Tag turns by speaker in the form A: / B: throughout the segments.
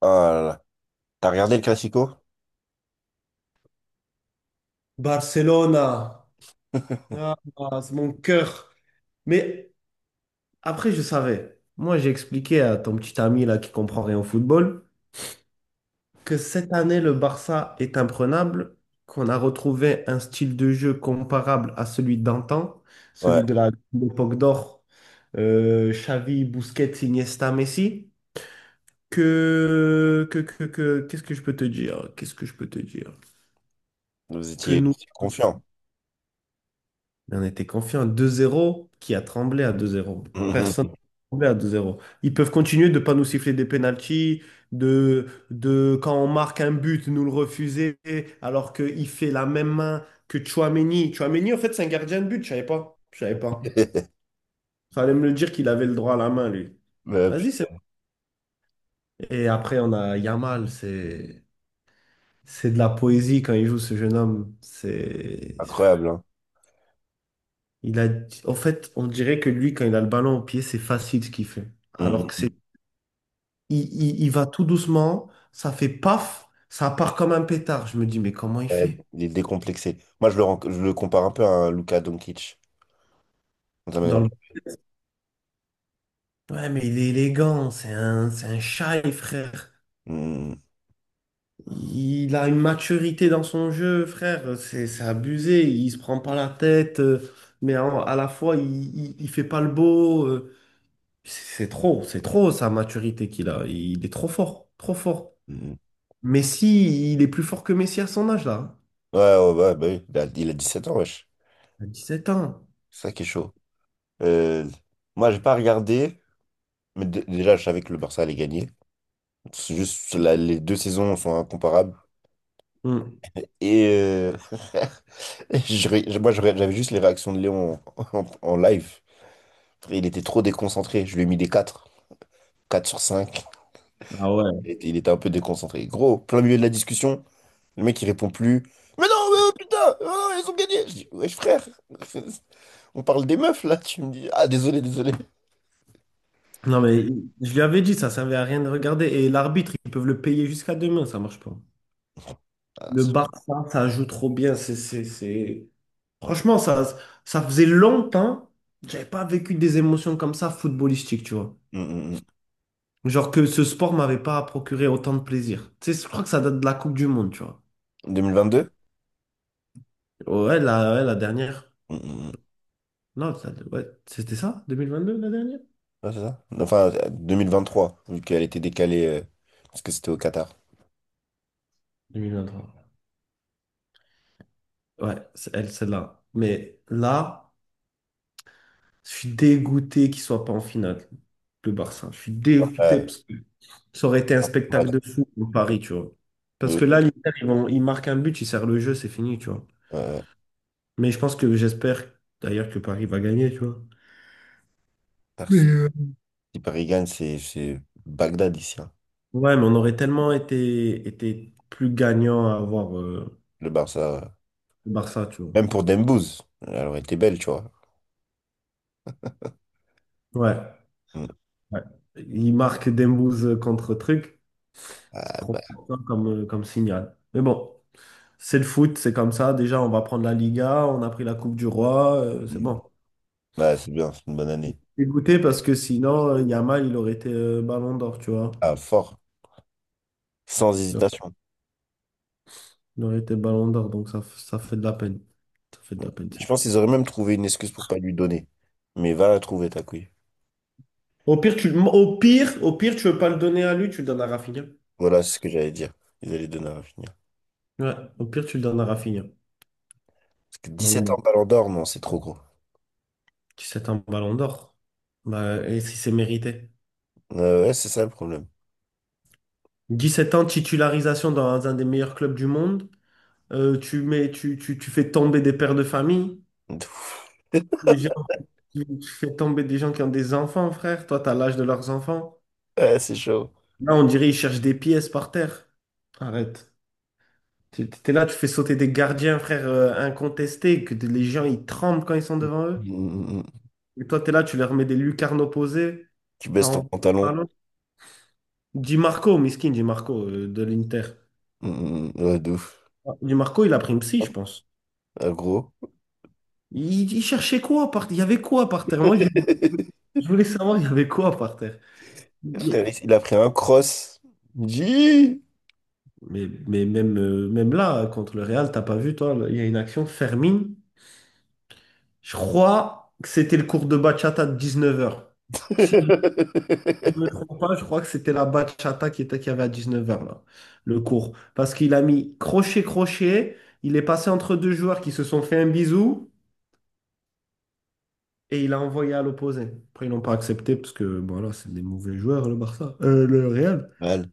A: Ah là là. T'as regardé le Classico?
B: Barcelona, ah, ah, c'est mon cœur. Mais après, je savais. Moi, j'ai expliqué à ton petit ami là qui comprend rien au football que cette année, le Barça est imprenable, qu'on a retrouvé un style de jeu comparable à celui d'antan,
A: Ouais,
B: celui de l'époque d'or, Xavi, Busquets, Iniesta, Messi. Qu'est-ce que je peux te dire? Qu'est-ce que je peux te dire?
A: vous
B: Que
A: étiez
B: nous
A: confiant.
B: Mais on était confiant à 2-0, qui a tremblé à 2-0. Personne n'a tremblé à 2-0. Ils peuvent continuer de ne pas nous siffler des pénaltys, de quand on marque un but, nous le refuser, alors qu'il fait la même main que Chouameni. Chouameni, en fait, c'est un gardien de but, je savais pas. Je savais pas. Fallait me le dire qu'il avait le droit à la main, lui. Vas-y, c'est bon. Et après, on a Yamal, c'est de la poésie quand il joue ce jeune homme. C'est.
A: Incroyable, hein.
B: Il a, en fait, on dirait que lui, quand il a le ballon au pied, c'est facile ce qu'il fait. Alors que c'est,
A: Mhm.
B: il va tout doucement, ça fait paf, ça part comme un pétard. Je me dis, mais comment il
A: Euh,
B: fait?
A: Il est décomplexé. Moi, je le compare un peu à un Luka Doncic. Dans sa manière
B: Dans
A: de-
B: le... Ouais, mais il est élégant, c'est un shy, frère.
A: Mhm.
B: Il a une maturité dans son jeu, frère. C'est abusé, il se prend pas la tête, mais à la fois, il fait pas le beau. C'est trop, c'est trop sa maturité qu'il a. Il est trop fort, trop fort.
A: Mhm.
B: Messi, il est plus fort que Messi à son âge, là.
A: Ouais, ouais, ouais, bah oui, il a 17 ans, wesh.
B: À 17 ans.
A: C'est ça qui est chaud. Euh, Moi, j'ai pas regardé, mais déjà, je savais que le Barça allait gagner. C'est juste, les deux saisons sont incomparables.
B: Hmm.
A: Et euh, Et moi, j'avais juste les réactions de Léon en live. Il était trop déconcentré. Je lui ai mis des quatre, 4 sur cinq.
B: Ah ouais.
A: Il était un peu déconcentré. Gros, plein milieu de la discussion, le mec, il répond plus. Mais non, mais oh, putain, oh non, ils ont gagné. Je dis, wesh, frère, on parle des meufs, là. Tu me dis, ah, désolé, désolé.
B: Non, mais je lui avais dit, ça servait à rien de regarder. Et l'arbitre, ils peuvent le payer jusqu'à demain, ça marche pas.
A: Ah,
B: Le
A: si.
B: Barça, ça joue trop bien. Franchement, ça faisait longtemps que j'avais pas vécu des émotions comme ça footballistiques, tu vois.
A: Mm, mm,
B: Genre que ce sport m'avait pas procuré autant de plaisir. Tu sais, je crois que ça date de la Coupe du Monde, tu vois.
A: mm. 2022?
B: Ouais, la dernière.
A: Mm, mm, mm.
B: Non, ouais, c'était ça? 2022, la dernière?
A: Ouais, c'est ça. Enfin, 2023, vu qu'elle était décalée, parce que c'était au Qatar.
B: 2023. Ouais, c'est elle, celle-là. Mais là, je suis dégoûté qu'il soit pas en finale, le Barça. Je suis dégoûté
A: Euh,
B: parce que ça aurait été un
A: ouais,
B: spectacle de fou pour
A: de-
B: Paris, tu vois. Parce que
A: de-
B: là, l'Inter, ils marquent un but, ils serrent le jeu, c'est fini, tu vois.
A: euh,
B: Mais je pense que j'espère d'ailleurs que Paris va gagner, tu vois. Mais euh,
A: Si Paris gagne, c'est Bagdad ici, hein.
B: Ouais, mais on aurait tellement été plus gagnant à avoir
A: Le Barça,
B: le Barça, tu
A: même
B: vois.
A: pour Dembouz, elle aurait été belle, tu vois.
B: Ouais,
A: Mm.
B: ouais. Il marque Dembouz contre truc. C'est
A: Ah,
B: trop
A: bah,
B: fort, hein, comme signal. Mais bon. C'est le foot, c'est comme ça. Déjà, on va prendre la Liga, on a pris la Coupe du Roi, c'est
A: mm.
B: bon.
A: Ouais, c'est bien, c'est une bonne année.
B: Dégoûté parce que sinon, Yamal, il aurait été Ballon d'Or, tu vois.
A: Ah, fort, sans
B: Il aurait
A: hésitation.
B: il aurait été Ballon d'Or, donc ça, ça fait de la peine. Ça fait de la peine.
A: Je pense
B: Bon.
A: qu'ils auraient même trouvé une excuse pour pas lui donner. Mais va la trouver, ta couille.
B: Au pire, au pire, tu veux pas le donner à lui, tu le donnes à Rafinha.
A: Voilà, c'est ce que j'allais dire. Ils allaient donner à finir.
B: Ouais, au pire, tu le donnes à Rafinha.
A: Parce que
B: Donc,
A: 17 ans,
B: bon,
A: Ballon d'Or, non, c'est trop gros.
B: 17 ans, Ballon d'Or. Bah, et si c'est mérité.
A: Ouais, c'est ça le problème.
B: 17 ans, titularisation dans un des meilleurs clubs du monde. Tu mets, tu fais tomber des pères de famille. Des gens- tu tu fais tomber des gens qui ont des enfants, frère. Toi, t'as l'âge de leurs enfants.
A: Ouais, c'est chaud.
B: Là, on dirait ils cherchent des pièces par terre. Arrête. T'es là, tu fais sauter des gardiens, frère, incontestés, les gens, ils tremblent quand ils sont
A: Mm,
B: devant eux.
A: mm, mm.
B: Et toi, t'es là, tu leur mets des lucarnes opposées.
A: Tu baisses ton
B: T'en...
A: pantalon.
B: Pardon? Di Marco, miskin, Di Marco, de l'Inter.
A: Mm, mm, mm. Ouais, de ouf.
B: Ah, Di Marco, il a pris une psy, je
A: Hop,
B: pense.
A: gros.
B: Il cherchait quoi par terre? Il y avait quoi par terre? Moi, je, je voulais savoir, il y avait quoi par terre?
A: Frère, il a pris un cross. Dis!
B: Mais même là, hein, contre le Real, t'as pas vu, toi, il y a une action, Fermin, je crois que c'était le cours de bachata de 19 h. Si je ne me trompe pas, je crois que c'était la bachata qui était, qu'il y avait à 19 h, là, le cours. Parce qu'il a mis crochet, crochet, il est passé entre deux joueurs qui se sont fait un bisou et il a envoyé à l'opposé. Après, ils n'ont pas accepté parce que, voilà, c'est des mauvais joueurs, le Barça, le Real.
A: Mal.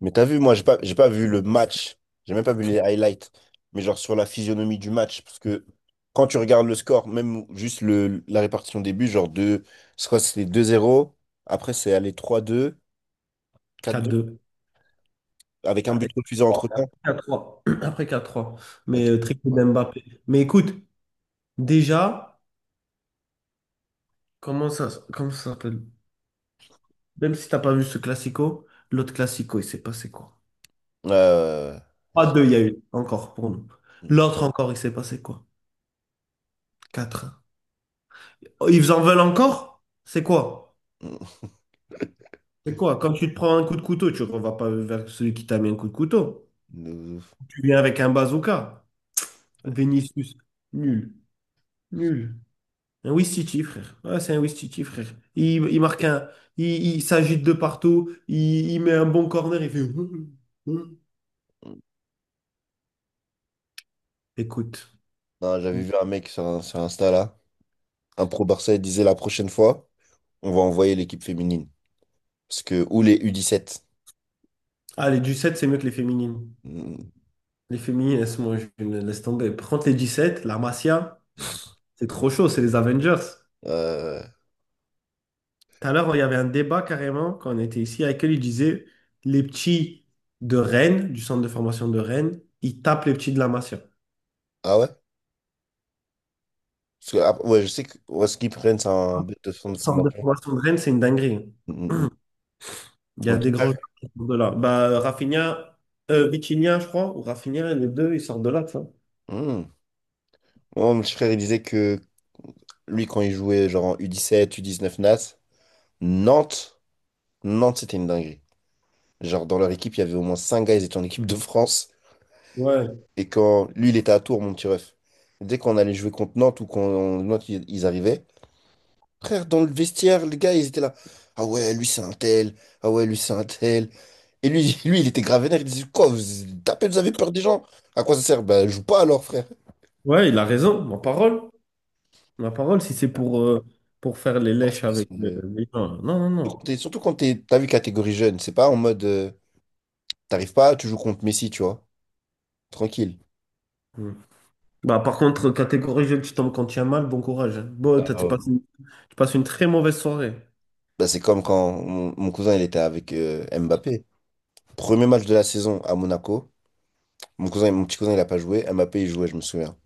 A: Mais t'as vu, moi, j'ai pas vu le match. J'ai même pas vu les highlights. Mais genre sur la physionomie du match. Parce que quand tu regardes le score, même juste le, la répartition des buts, genre deux, je crois que c'était 2-0. Après, c'est allé 3-2 4-2
B: 4-2.
A: avec un
B: Ah,
A: but
B: et
A: refusé entre-temps.
B: 4-3. Après 4-3.
A: Ok.
B: Triplé
A: Voilà.
B: d'Mbappé. Mais écoute. Déjà, comment ça s'appelle? Même si t'as pas vu ce classico, l'autre classico, il s'est passé quoi?
A: Euh,
B: Pas
A: j'ai-
B: deux, il y a eu encore pour nous. L'autre encore, il s'est passé quoi? Quatre. Oh, ils en veulent encore? C'est quoi? C'est quoi? Quand tu te prends un coup de couteau, tu ne vas pas vers celui qui t'a mis un coup de couteau.
A: De ouf.
B: Tu viens avec un bazooka.
A: Ouais.
B: Vinicius, nul, nul. Un Ouistiti, frère. Ouais, c'est un Ouistiti, frère. Il marque un. Il, il s'agite de partout. Il met un bon corner. Il fait. Écoute.
A: Non, j'avais vu un mec sur, sur Insta là. Un pro Barça, il disait la prochaine fois. On va envoyer l'équipe féminine. Parce que, ou les U17.
B: Ah, les 17 c'est mieux que les féminines.
A: Mm,
B: Les féminines, moi, je les laisse tomber. Par contre, les sept la Masia,
A: mm.
B: c'est trop chaud, c'est les Avengers.
A: Euh,
B: Tout à l'heure, il y avait un débat carrément quand on était ici avec elle. Il disait les petits de Rennes, du centre de formation de Rennes, ils tapent les petits de la Masia.
A: ah ouais? Parce que, ah, ouais, je sais que ouais ce qu'ils prennent, c'est un but de son
B: Le
A: de
B: centre de
A: formation.
B: formation de Rennes, c'est une dinguerie.
A: Mm, mm, mm.
B: Il y
A: Mon
B: a
A: petit
B: des grands
A: frère,
B: joueurs qui sortent de là. Bah, Rafinha, Vitinha, je crois, ou Rafinha, les deux, ils sortent de là, tu vois.
A: mm. Moi, mon petit frère, il disait que lui, quand il jouait genre en U17, U19 NAS, Nantes, Nantes, c'était une dinguerie. Genre, dans leur équipe, il y avait au moins 5 gars, ils étaient en équipe de France.
B: Ouais.
A: Et quand lui, il était à Tours, mon petit ref. Dès qu'on allait jouer contre Nantes ou quand Nantes, ils arrivaient. Frère, dans le vestiaire, les gars, ils étaient là. Ah ouais, lui, c'est un tel. Ah ouais, lui, c'est un tel. Et lui, lui, il était grave vénère. Il disait, quoi, vous tapez, vous avez peur des gens? À quoi ça sert? Bah, joue pas alors, frère.
B: Ouais, il a raison, ma parole. Ma parole, si c'est pour faire les
A: Parce
B: lèches
A: que c'est
B: avec
A: le-
B: les gens. Non, non,
A: Surtout quand
B: non.
A: t'es, t'as vu catégorie jeune, c'est pas en mode, t'arrives pas, tu joues contre Messi, tu vois. Tranquille.
B: Hmm. Bah, par contre, catégorie jeune, tu tombes quand tu as mal, bon courage, hein. Bon,
A: Ah
B: tu
A: ouais.
B: passes une très mauvaise soirée.
A: Bah, c'est comme quand mon cousin, il était avec Mbappé. Premier match de la saison à Monaco. Mon cousin, mon petit cousin, il a pas joué. Mbappé, il jouait, je me souviens.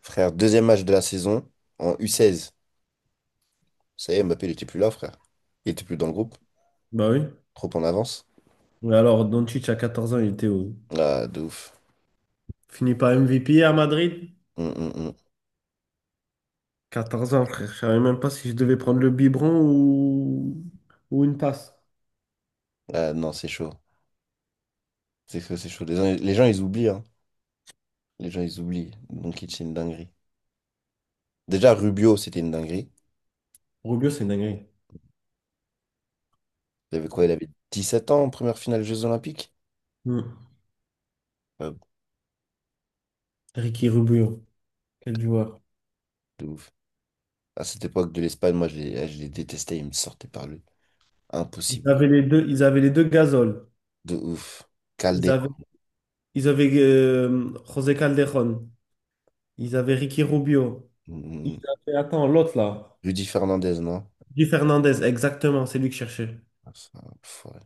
A: Frère, deuxième match de la saison en U16. Ça y est, Mbappé, il était plus là, frère. Il était plus dans le groupe.
B: Bah oui.
A: Trop en avance.
B: Mais alors, Doncic, à 14 ans, il était où?
A: Ah, de ouf.
B: Fini par MVP à Madrid?
A: Hum, hum, hum.
B: 14 ans, frère. Je savais même pas si je devais prendre le biberon ou, une passe.
A: Ah, non, c'est chaud. C'est chaud, c'est chaud. Les gens, ils oublient, hein. Les gens, ils oublient. Donc, c'est une dinguerie. Déjà, Rubio, c'était une dinguerie.
B: Rubio, c'est une dinguerie.
A: Il avait quoi? Il avait 17 ans en première finale Jeux Olympiques.
B: Hmm.
A: Ah,
B: Ricky Rubio, quel joueur.
A: de ouf. À cette époque de l'Espagne, moi, je les, ah, je les détestais. Ils me sortaient par le...
B: Ils
A: Impossible.
B: avaient les deux, ils avaient les deux Gasol.
A: De ouf.
B: Ils avaient,
A: Calderon.
B: ils avaient José Calderón. Ils avaient Ricky Rubio.
A: Hum,
B: Ils
A: hum.
B: avaient, attends, l'autre là.
A: Rudy Fernandez, non?
B: Luis Fernandez, exactement, c'est lui que je cherchais.
A: Ah, ça, pff, ouais.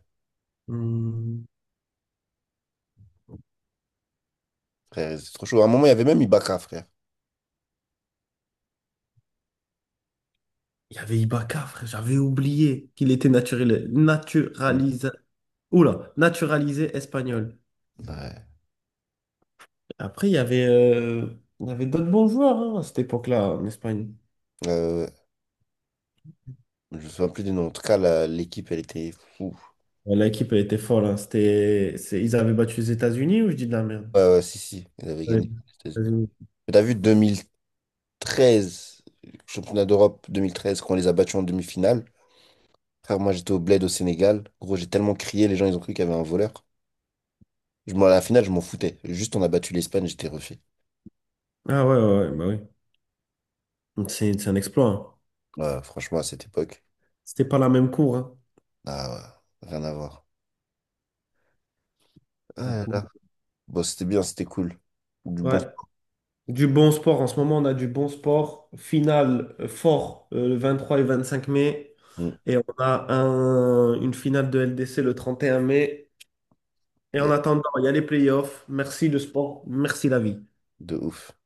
B: Hmm.
A: Frère, c'est trop chaud. À un moment, il y avait même Ibaka, frère.
B: Il y avait Ibaka, frère, j'avais oublié qu'il était naturel,
A: Oui.
B: naturalisé. Oula, naturalisé espagnol.
A: Ouais.
B: Après, il y avait d'autres bons joueurs hein, à cette époque-là en Espagne.
A: Euh, Je me souviens plus du nom. En tout cas, l'équipe, elle était fou.
B: Ouais, l'équipe, elle était folle, hein. Ils avaient battu les États-Unis ou je dis de la merde?
A: Ouais, ouais, si, si, elle avait
B: Ouais,
A: gagné les
B: les
A: États-Unis.
B: États-Unis.
A: Mais t'as vu 2013, championnat d'Europe 2013, quand on les a battus en demi-finale. Frère, moi, j'étais au Bled au Sénégal. Gros, j'ai tellement crié, les gens, ils ont cru qu'il y avait un voleur. Je, m'en, à la finale, je m'en foutais. Juste, on a battu l'Espagne, j'étais refait.
B: Ah ouais, ouais, ouais, bah oui. C'est un exploit, hein.
A: Ouais, franchement, à cette époque,
B: C'était pas la même cour, hein.
A: ah, ouais, rien à voir. Ah, là, là. Bon, c'était bien, c'était cool. Du
B: Ouais.
A: bon.
B: Du bon sport, en ce moment, on a du bon sport. Finale fort le 23 et 25 mai.
A: Mm,
B: Et on a une finale de LDC le 31 mai. Et en
A: yeah,
B: attendant, il y a les playoffs. Merci le sport, merci la vie.
A: de ouf.